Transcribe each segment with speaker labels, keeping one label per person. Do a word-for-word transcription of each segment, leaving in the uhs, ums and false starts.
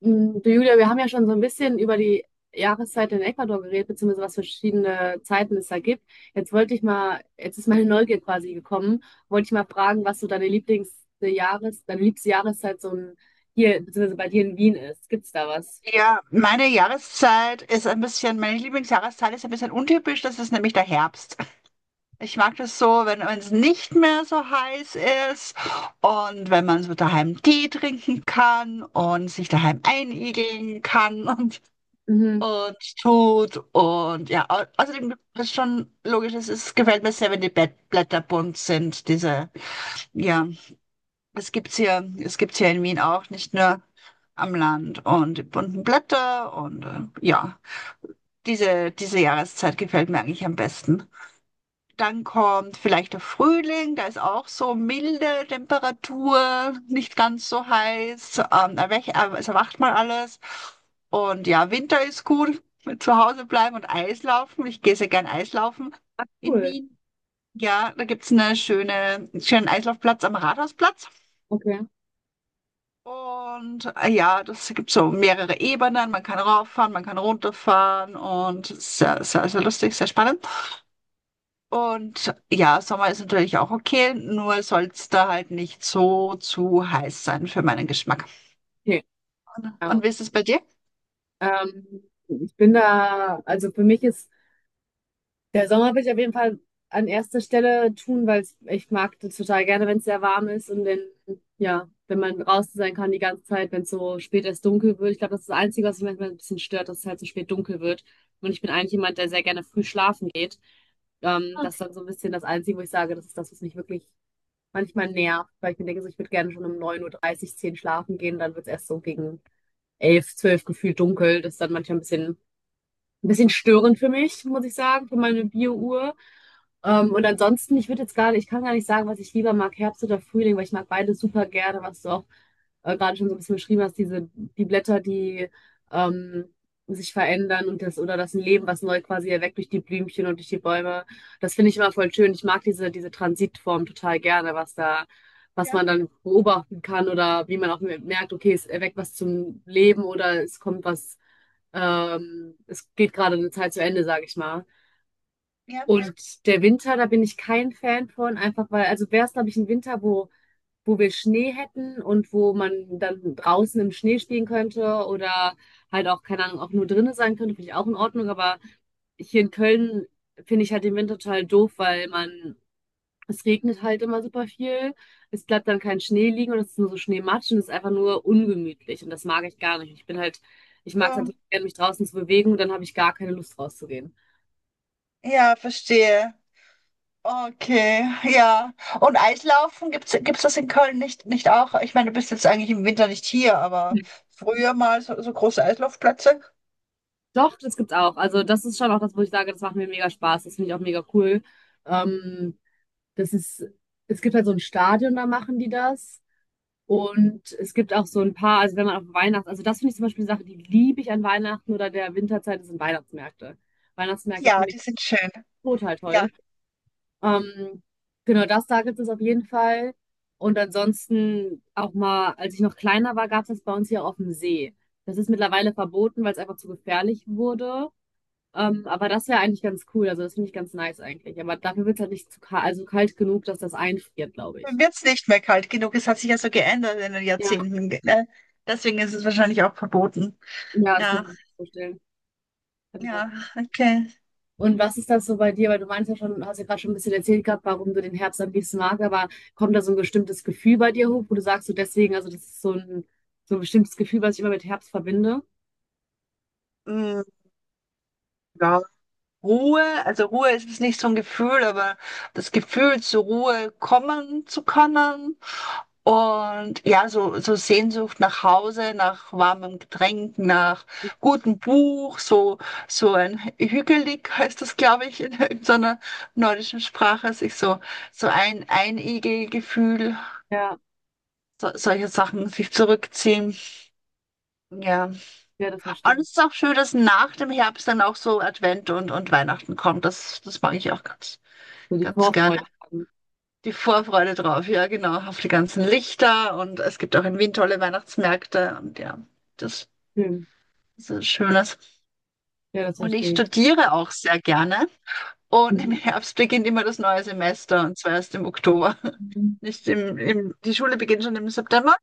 Speaker 1: Mm, Du Julia, wir haben ja schon so ein bisschen über die Jahreszeit in Ecuador geredet, beziehungsweise was für verschiedene Zeiten es da gibt. Jetzt wollte ich mal, jetzt ist meine Neugier quasi gekommen, wollte ich mal fragen, was so deine Lieblings äh, Jahres, deine liebste Jahreszeit so ein, hier, beziehungsweise bei dir in Wien ist. Gibt's da was?
Speaker 2: Ja, meine Jahreszeit ist ein bisschen, meine Lieblingsjahreszeit ist ein bisschen untypisch, das ist nämlich der Herbst. Ich mag das so, wenn wenn es nicht mehr so heiß ist und wenn man so daheim Tee trinken kann und sich daheim einigeln kann und,
Speaker 1: Mhm.
Speaker 2: und tut. Und ja, au- außerdem ist schon logisch, es ist, gefällt mir sehr, wenn die Bett- Blätter bunt sind. Diese, ja, es gibt's hier, es gibt's hier in Wien auch, nicht nur am Land und die bunten Blätter und äh, ja. Diese, diese Jahreszeit gefällt mir eigentlich am besten. Dann kommt vielleicht der Frühling, da ist auch so milde Temperatur, nicht ganz so heiß. Ähm, erwech, äh, es erwacht mal alles. Und ja, Winter ist gut, zu Hause bleiben und Eislaufen. Ich gehe sehr gern Eislaufen
Speaker 1: Ah,
Speaker 2: in
Speaker 1: cool.
Speaker 2: Wien. Ja, da gibt's eine schöne, einen schönen Eislaufplatz am Rathausplatz.
Speaker 1: Okay.
Speaker 2: Und äh, ja, das gibt so mehrere Ebenen. Man kann rauffahren, man kann runterfahren und sehr, sehr, sehr lustig, sehr spannend. Und ja, Sommer ist natürlich auch okay, nur soll es da halt nicht so zu heiß sein für meinen Geschmack.
Speaker 1: Okay.
Speaker 2: Und,
Speaker 1: Ja.
Speaker 2: und wie ist es bei dir?
Speaker 1: Ähm, ich bin da, also für mich ist. Der Sommer will ich auf jeden Fall an erster Stelle tun, weil es- ich mag das total gerne, wenn es sehr warm ist und wenn, ja, wenn man draußen sein kann die ganze Zeit, wenn es so spät erst dunkel wird. Ich glaube, das ist das Einzige, was mich manchmal ein bisschen stört, dass es halt so spät dunkel wird. Und ich bin eigentlich jemand, der sehr gerne früh schlafen geht. Ähm, das ist dann so ein bisschen das Einzige, wo ich sage, das ist das, was mich wirklich manchmal nervt, weil ich mir denke, so, ich würde gerne schon um neun Uhr, dreißig zehn schlafen gehen, dann wird es erst so gegen elf zwölf gefühlt dunkel. Das ist dann manchmal ein bisschen, ein bisschen störend für mich, muss ich sagen, für meine Bio-Uhr. Ähm, und ansonsten, ich würde jetzt gerade, ich kann gar nicht sagen, was ich lieber mag, Herbst oder Frühling, weil ich mag beides super gerne, was du auch äh, gerade schon so ein bisschen beschrieben hast, diese, die Blätter, die ähm, sich verändern und das, oder das Leben, was neu quasi erweckt durch die Blümchen und durch die Bäume. Das finde ich immer voll schön. Ich mag diese, diese Transitform total gerne, was da, was
Speaker 2: Ja,
Speaker 1: man dann beobachten kann oder wie man auch merkt, okay, es erweckt was zum Leben oder es kommt was, ähm, es geht gerade eine Zeit zu Ende, sage ich mal.
Speaker 2: ja,
Speaker 1: Und der Winter, da bin ich kein Fan von, einfach weil, also wäre es, glaube ich, ein Winter, wo, wo wir Schnee hätten und wo man dann draußen im Schnee stehen könnte oder halt auch, keine Ahnung, auch nur drinnen sein könnte, finde ich auch in Ordnung. Aber hier in Köln finde ich halt den Winter total doof, weil man, es regnet halt immer super viel, es bleibt dann kein Schnee liegen und es ist nur so Schneematsch und es ist einfach nur ungemütlich und das mag ich gar nicht. Ich bin halt, ich mag es halt
Speaker 2: so.
Speaker 1: total gerne, mich draußen zu bewegen und dann habe ich gar keine Lust rauszugehen.
Speaker 2: Ja, verstehe. Okay, ja. Und Eislaufen, gibt's, gibt's das in Köln nicht, nicht auch? Ich meine, du bist jetzt eigentlich im Winter nicht hier, aber früher mal so, so große Eislaufplätze.
Speaker 1: Doch, das gibt's auch. Also das ist schon auch das, wo ich sage, das macht mir mega Spaß. Das finde ich auch mega cool. Ähm, das ist, es gibt halt so ein Stadion, da machen die das. Und es gibt auch so ein paar, also wenn man auf Weihnachten, also das finde ich zum Beispiel eine Sache, die liebe ich an Weihnachten oder der Winterzeit, sind Weihnachtsmärkte. Weihnachtsmärkte
Speaker 2: Ja,
Speaker 1: finde ich
Speaker 2: die sind schön.
Speaker 1: total
Speaker 2: Ja,
Speaker 1: toll. Ähm, genau, das da gibt es auf jeden Fall. Und ansonsten auch mal, als ich noch kleiner war, gab es das bei uns hier auf dem See. Das ist mittlerweile verboten, weil es einfach zu gefährlich wurde. Ähm, aber das wäre eigentlich ganz cool. Also das finde ich ganz nice eigentlich. Aber dafür wird es halt nicht zu kalt, also kalt genug, dass das einfriert, glaube
Speaker 2: dann
Speaker 1: ich.
Speaker 2: wird's nicht mehr kalt genug. Es hat sich ja so geändert in den
Speaker 1: Ja,
Speaker 2: Jahrzehnten. Ne? Deswegen ist es wahrscheinlich auch verboten.
Speaker 1: ja, das kann
Speaker 2: Ja.
Speaker 1: ich mir vorstellen. Kann ich mir auch-
Speaker 2: Ja, okay.
Speaker 1: Und was ist das so bei dir? Weil du meinst ja schon, hast ja gerade schon ein bisschen erzählt gehabt, warum du den Herbst am liebsten magst, aber kommt da so ein bestimmtes Gefühl bei dir hoch, wo du sagst, so deswegen, also das ist so ein, so ein bestimmtes Gefühl, was ich immer mit Herbst verbinde?
Speaker 2: Mm, ja. Ruhe, also Ruhe ist es nicht so ein Gefühl, aber das Gefühl, zur Ruhe kommen zu können. Und ja, so, so Sehnsucht nach Hause, nach warmem Getränk, nach gutem Buch, so, so ein Hügelig heißt das, glaube ich, in irgendeiner nordischen Sprache, sich so, so ein Einigelgefühl,
Speaker 1: Ja,
Speaker 2: so, solche Sachen, sich zurückziehen. Ja.
Speaker 1: ja, das verstehe
Speaker 2: Und
Speaker 1: ich.
Speaker 2: es ist auch schön, dass nach dem Herbst dann auch so Advent und, und Weihnachten kommt. Das, das mag ich auch ganz,
Speaker 1: So die
Speaker 2: ganz gerne.
Speaker 1: Vorfreude.
Speaker 2: Die Vorfreude drauf, ja, genau, auf die ganzen Lichter und es gibt auch in Wien tolle Weihnachtsmärkte und ja, das,
Speaker 1: Schön.
Speaker 2: das ist Schönes.
Speaker 1: Ja, das
Speaker 2: Und ich
Speaker 1: verstehe ich.
Speaker 2: studiere auch sehr gerne. Und im Herbst beginnt immer das neue Semester und zwar erst im Oktober.
Speaker 1: Mhm.
Speaker 2: Nicht im, im, Die Schule beginnt schon im September,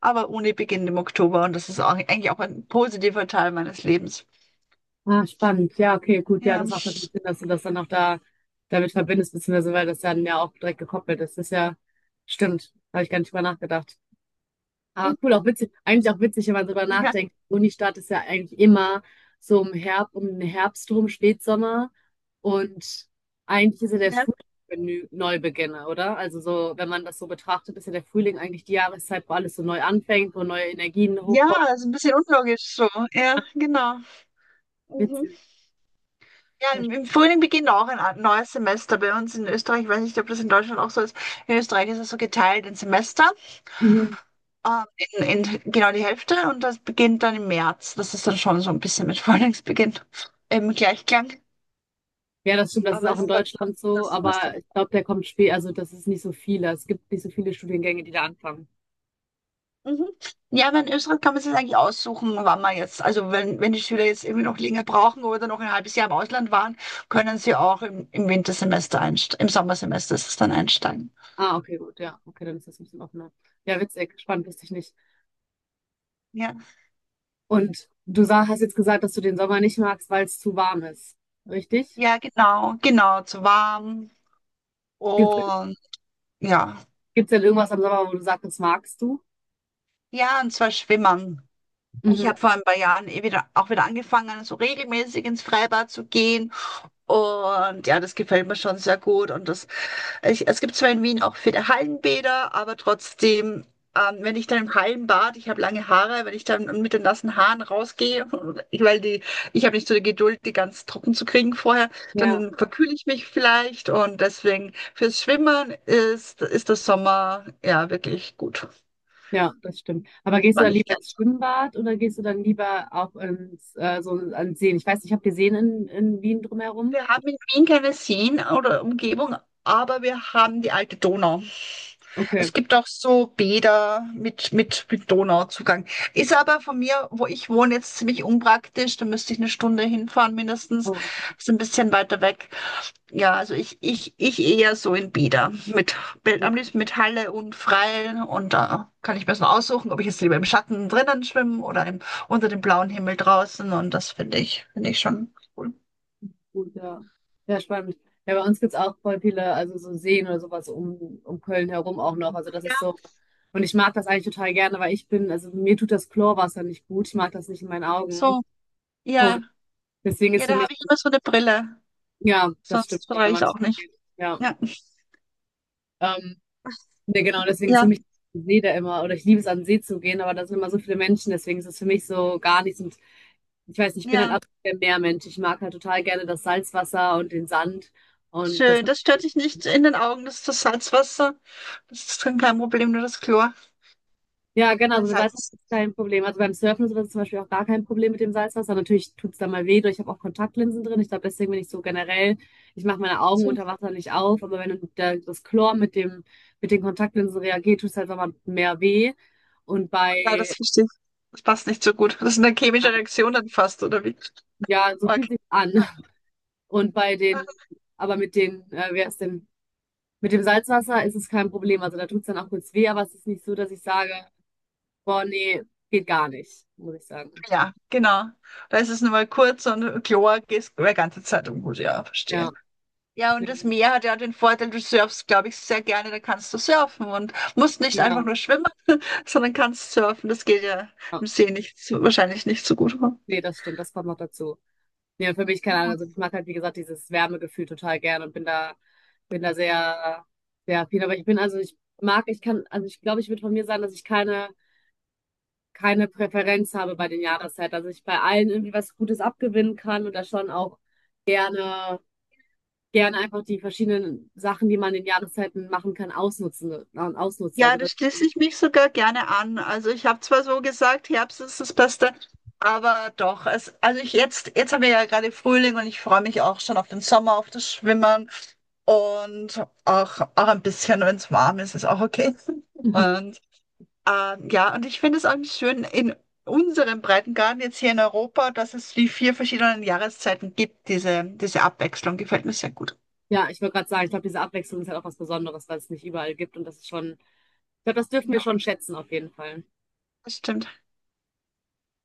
Speaker 2: aber Uni beginnt im Oktober und das ist auch, eigentlich auch ein positiver Teil meines Lebens.
Speaker 1: Ah, spannend. Ja, okay, gut. Ja,
Speaker 2: Ja.
Speaker 1: das macht natürlich Sinn, dass du das dann auch da damit verbindest, beziehungsweise weil das dann ja auch direkt gekoppelt ist. Das ist ja, stimmt. Habe ich gar nicht drüber nachgedacht. Aber cool, auch witzig. Eigentlich auch witzig, wenn man drüber
Speaker 2: Ja,
Speaker 1: nachdenkt. Unistadt ist ja eigentlich immer so im Herbst, um den Herbst rum, Spätsommer. Und eigentlich ist ja der
Speaker 2: ja.
Speaker 1: Frühling Menü Neubeginne, oder? Also so, wenn man das so betrachtet, ist ja der Frühling eigentlich die Jahreszeit, wo alles so neu anfängt, wo neue Energien
Speaker 2: Ja,
Speaker 1: hochkommen.
Speaker 2: ist ein bisschen unlogisch so. Ja, genau. Mhm.
Speaker 1: Witzig.
Speaker 2: Ja, im, im Frühling beginnt auch ein a- neues Semester bei uns in Österreich. Ich weiß nicht, ob das in Deutschland auch so ist. In Österreich ist es so geteilt in Semester,
Speaker 1: Ja,
Speaker 2: ähm, in, in genau die Hälfte und das beginnt dann im März. Das ist dann schon so ein bisschen mit Frühlingsbeginn im Gleichklang.
Speaker 1: ja, das stimmt, das ist
Speaker 2: Aber
Speaker 1: auch
Speaker 2: das
Speaker 1: in
Speaker 2: ist dann
Speaker 1: Deutschland so,
Speaker 2: das Semester.
Speaker 1: aber ich glaube, der kommt spät, also das ist nicht so viele. Es gibt nicht so viele Studiengänge, die da anfangen.
Speaker 2: Mhm. Ja, aber in Österreich kann man sich eigentlich aussuchen, wann man jetzt, also wenn, wenn die Schüler jetzt irgendwie noch länger brauchen oder noch ein halbes Jahr im Ausland waren, können sie auch im, im Wintersemester einsteigen, im Sommersemester ist es dann einsteigen.
Speaker 1: Ah, okay, gut, ja, okay, dann ist das ein bisschen offener. Ja, witzig, spannend, wusste ich nicht.
Speaker 2: Ja,
Speaker 1: Und du sag, hast jetzt gesagt, dass du den Sommer nicht magst, weil es zu warm ist, richtig?
Speaker 2: ja, genau, genau, zu warm
Speaker 1: Gibt
Speaker 2: und ja,
Speaker 1: es denn irgendwas am Sommer, wo du sagst, das magst du?
Speaker 2: ja, und zwar schwimmen. Ich
Speaker 1: Mhm.
Speaker 2: habe vor ein paar Jahren eh wieder, auch wieder angefangen, so regelmäßig ins Freibad zu gehen und ja, das gefällt mir schon sehr gut und das. Ich, es gibt zwar in Wien auch viele Hallenbäder, aber trotzdem, ähm, wenn ich dann im Hallenbad, ich habe lange Haare, wenn ich dann mit den nassen Haaren rausgehe, ich- weil die, ich habe nicht so die Geduld, die ganz trocken zu kriegen vorher,
Speaker 1: Ja,
Speaker 2: dann verkühle ich mich vielleicht und deswegen fürs Schwimmen ist, ist der Sommer ja wirklich gut.
Speaker 1: ja, das stimmt. Aber
Speaker 2: Das
Speaker 1: gehst du
Speaker 2: mag
Speaker 1: dann
Speaker 2: ich.
Speaker 1: lieber ins Schwimmbad oder gehst du dann lieber auch ins, äh, so an Seen? Ich weiß nicht, habt ihr Seen in, in Wien drumherum?
Speaker 2: Wir haben in Wien keine Seen oder Umgebung, aber wir haben die alte Donau.
Speaker 1: Okay.
Speaker 2: Es gibt auch so Bäder mit, mit, mit Donauzugang. Ist aber von mir, wo ich wohne, jetzt ziemlich unpraktisch. Da müsste ich eine Stunde hinfahren mindestens.
Speaker 1: Oh.
Speaker 2: Ist ein bisschen weiter weg. Ja, also ich, ich, ich eher so in Bäder. Mit, mit, am liebsten mit Halle und Freien. Und da kann ich mir so aussuchen, ob ich jetzt lieber im Schatten drinnen schwimme oder im, unter dem blauen Himmel draußen. Und das finde ich, finde ich schon cool.
Speaker 1: Gut, ja. Ja, spannend. Ja, bei uns gibt es auch voll viele, also so Seen oder sowas um, um Köln herum auch noch. Also das
Speaker 2: Ja,
Speaker 1: ist so. Und ich mag das eigentlich total gerne, weil ich bin, also mir tut das Chlorwasser nicht gut. Ich mag das nicht in meinen Augen.
Speaker 2: so. Ja,
Speaker 1: Und deswegen ist
Speaker 2: ja,
Speaker 1: für
Speaker 2: da
Speaker 1: mich,
Speaker 2: habe ich immer so eine Brille.
Speaker 1: ja, das stimmt,
Speaker 2: Sonst
Speaker 1: ja, wenn
Speaker 2: vertrage ich es
Speaker 1: man
Speaker 2: auch nicht.
Speaker 1: geht. Ja.
Speaker 2: Ja,
Speaker 1: Ähm, nee, genau, deswegen ist für
Speaker 2: ja,
Speaker 1: mich der See da immer, oder ich liebe es an den See zu gehen, aber da sind immer so viele Menschen, deswegen ist es für mich so gar nichts. Und ich weiß nicht, ich bin halt
Speaker 2: ja.
Speaker 1: absolut der Meermensch. Ich mag halt total gerne das Salzwasser und den Sand. Und das.
Speaker 2: Schön. Das stört dich nicht in den Augen. Das ist das Salzwasser. Das ist kein kein Problem, nur das Chlor.
Speaker 1: Ja, genau,
Speaker 2: Weil
Speaker 1: also mit
Speaker 2: Salz
Speaker 1: Salzwasser
Speaker 2: ist.
Speaker 1: ist kein Problem. Also beim Surfen und sowas ist zum Beispiel auch gar kein Problem mit dem Salzwasser. Natürlich tut's es da mal weh, durch. Ich habe auch Kontaktlinsen drin. Ich glaube, deswegen bin ich so generell, ich mache meine Augen
Speaker 2: So.
Speaker 1: unter Wasser nicht auf, aber wenn der, das Chlor mit dem, mit den Kontaktlinsen reagiert, tut's es halt nochmal mehr weh. Und
Speaker 2: Ja, das
Speaker 1: bei,
Speaker 2: verstehe ich. Das passt nicht so gut. Das ist eine chemische Reaktion dann fast, oder wie?
Speaker 1: ja, so
Speaker 2: Okay.
Speaker 1: fühlt sich an. Und bei
Speaker 2: Ah,
Speaker 1: den, aber mit den, äh, wer ist denn, mit dem Salzwasser ist es kein Problem. Also da tut's dann auch kurz weh, aber es ist nicht so, dass ich sage, boah, nee, geht gar nicht, muss ich sagen.
Speaker 2: ja, genau. Da ist es nur mal kurz und Chlor geht die ganze Zeit um. Gut, ja,
Speaker 1: Ja,
Speaker 2: verstehe. Ja, und
Speaker 1: nee,
Speaker 2: das Meer hat ja den Vorteil, du surfst, glaube ich, sehr gerne. Da kannst du surfen und musst nicht einfach
Speaker 1: genau.
Speaker 2: nur schwimmen, sondern kannst surfen. Das geht ja
Speaker 1: Ja.
Speaker 2: im See nicht, so- wahrscheinlich nicht so gut, oder?
Speaker 1: Nee, das stimmt, das kommt noch dazu. Nee, und für mich, keine Ahnung, also ich mag halt, wie gesagt, dieses Wärmegefühl total gern und bin da, bin da, sehr, sehr viel. Aber ich bin, also ich mag, ich kann, also ich glaube, ich würde von mir sagen, dass ich keine, keine Präferenz habe bei den Jahreszeiten. Also ich bei allen irgendwie was Gutes abgewinnen kann und da schon auch gerne, gerne einfach die verschiedenen Sachen, die man in den Jahreszeiten machen kann, ausnutzen, äh, ausnutze. Also
Speaker 2: Ja, da
Speaker 1: das,
Speaker 2: schließe ich mich sogar gerne an. Also ich habe zwar so gesagt, Herbst ist das Beste, aber doch, es, also ich jetzt, jetzt haben wir ja gerade Frühling und ich freue mich auch schon auf den Sommer, auf das Schwimmen und auch, auch ein bisschen, wenn es warm ist, ist auch okay. Und ähm, ja, und ich finde es auch schön in unserem Breitengraden jetzt hier in Europa, dass es die vier verschiedenen Jahreszeiten gibt. Diese, diese Abwechslung gefällt mir sehr gut.
Speaker 1: ja, ich wollte gerade sagen, ich glaube, diese Abwechslung ist halt auch was Besonderes, was es nicht überall gibt und das ist schon, ich glaube, das dürfen wir schon schätzen auf jeden Fall.
Speaker 2: Das stimmt.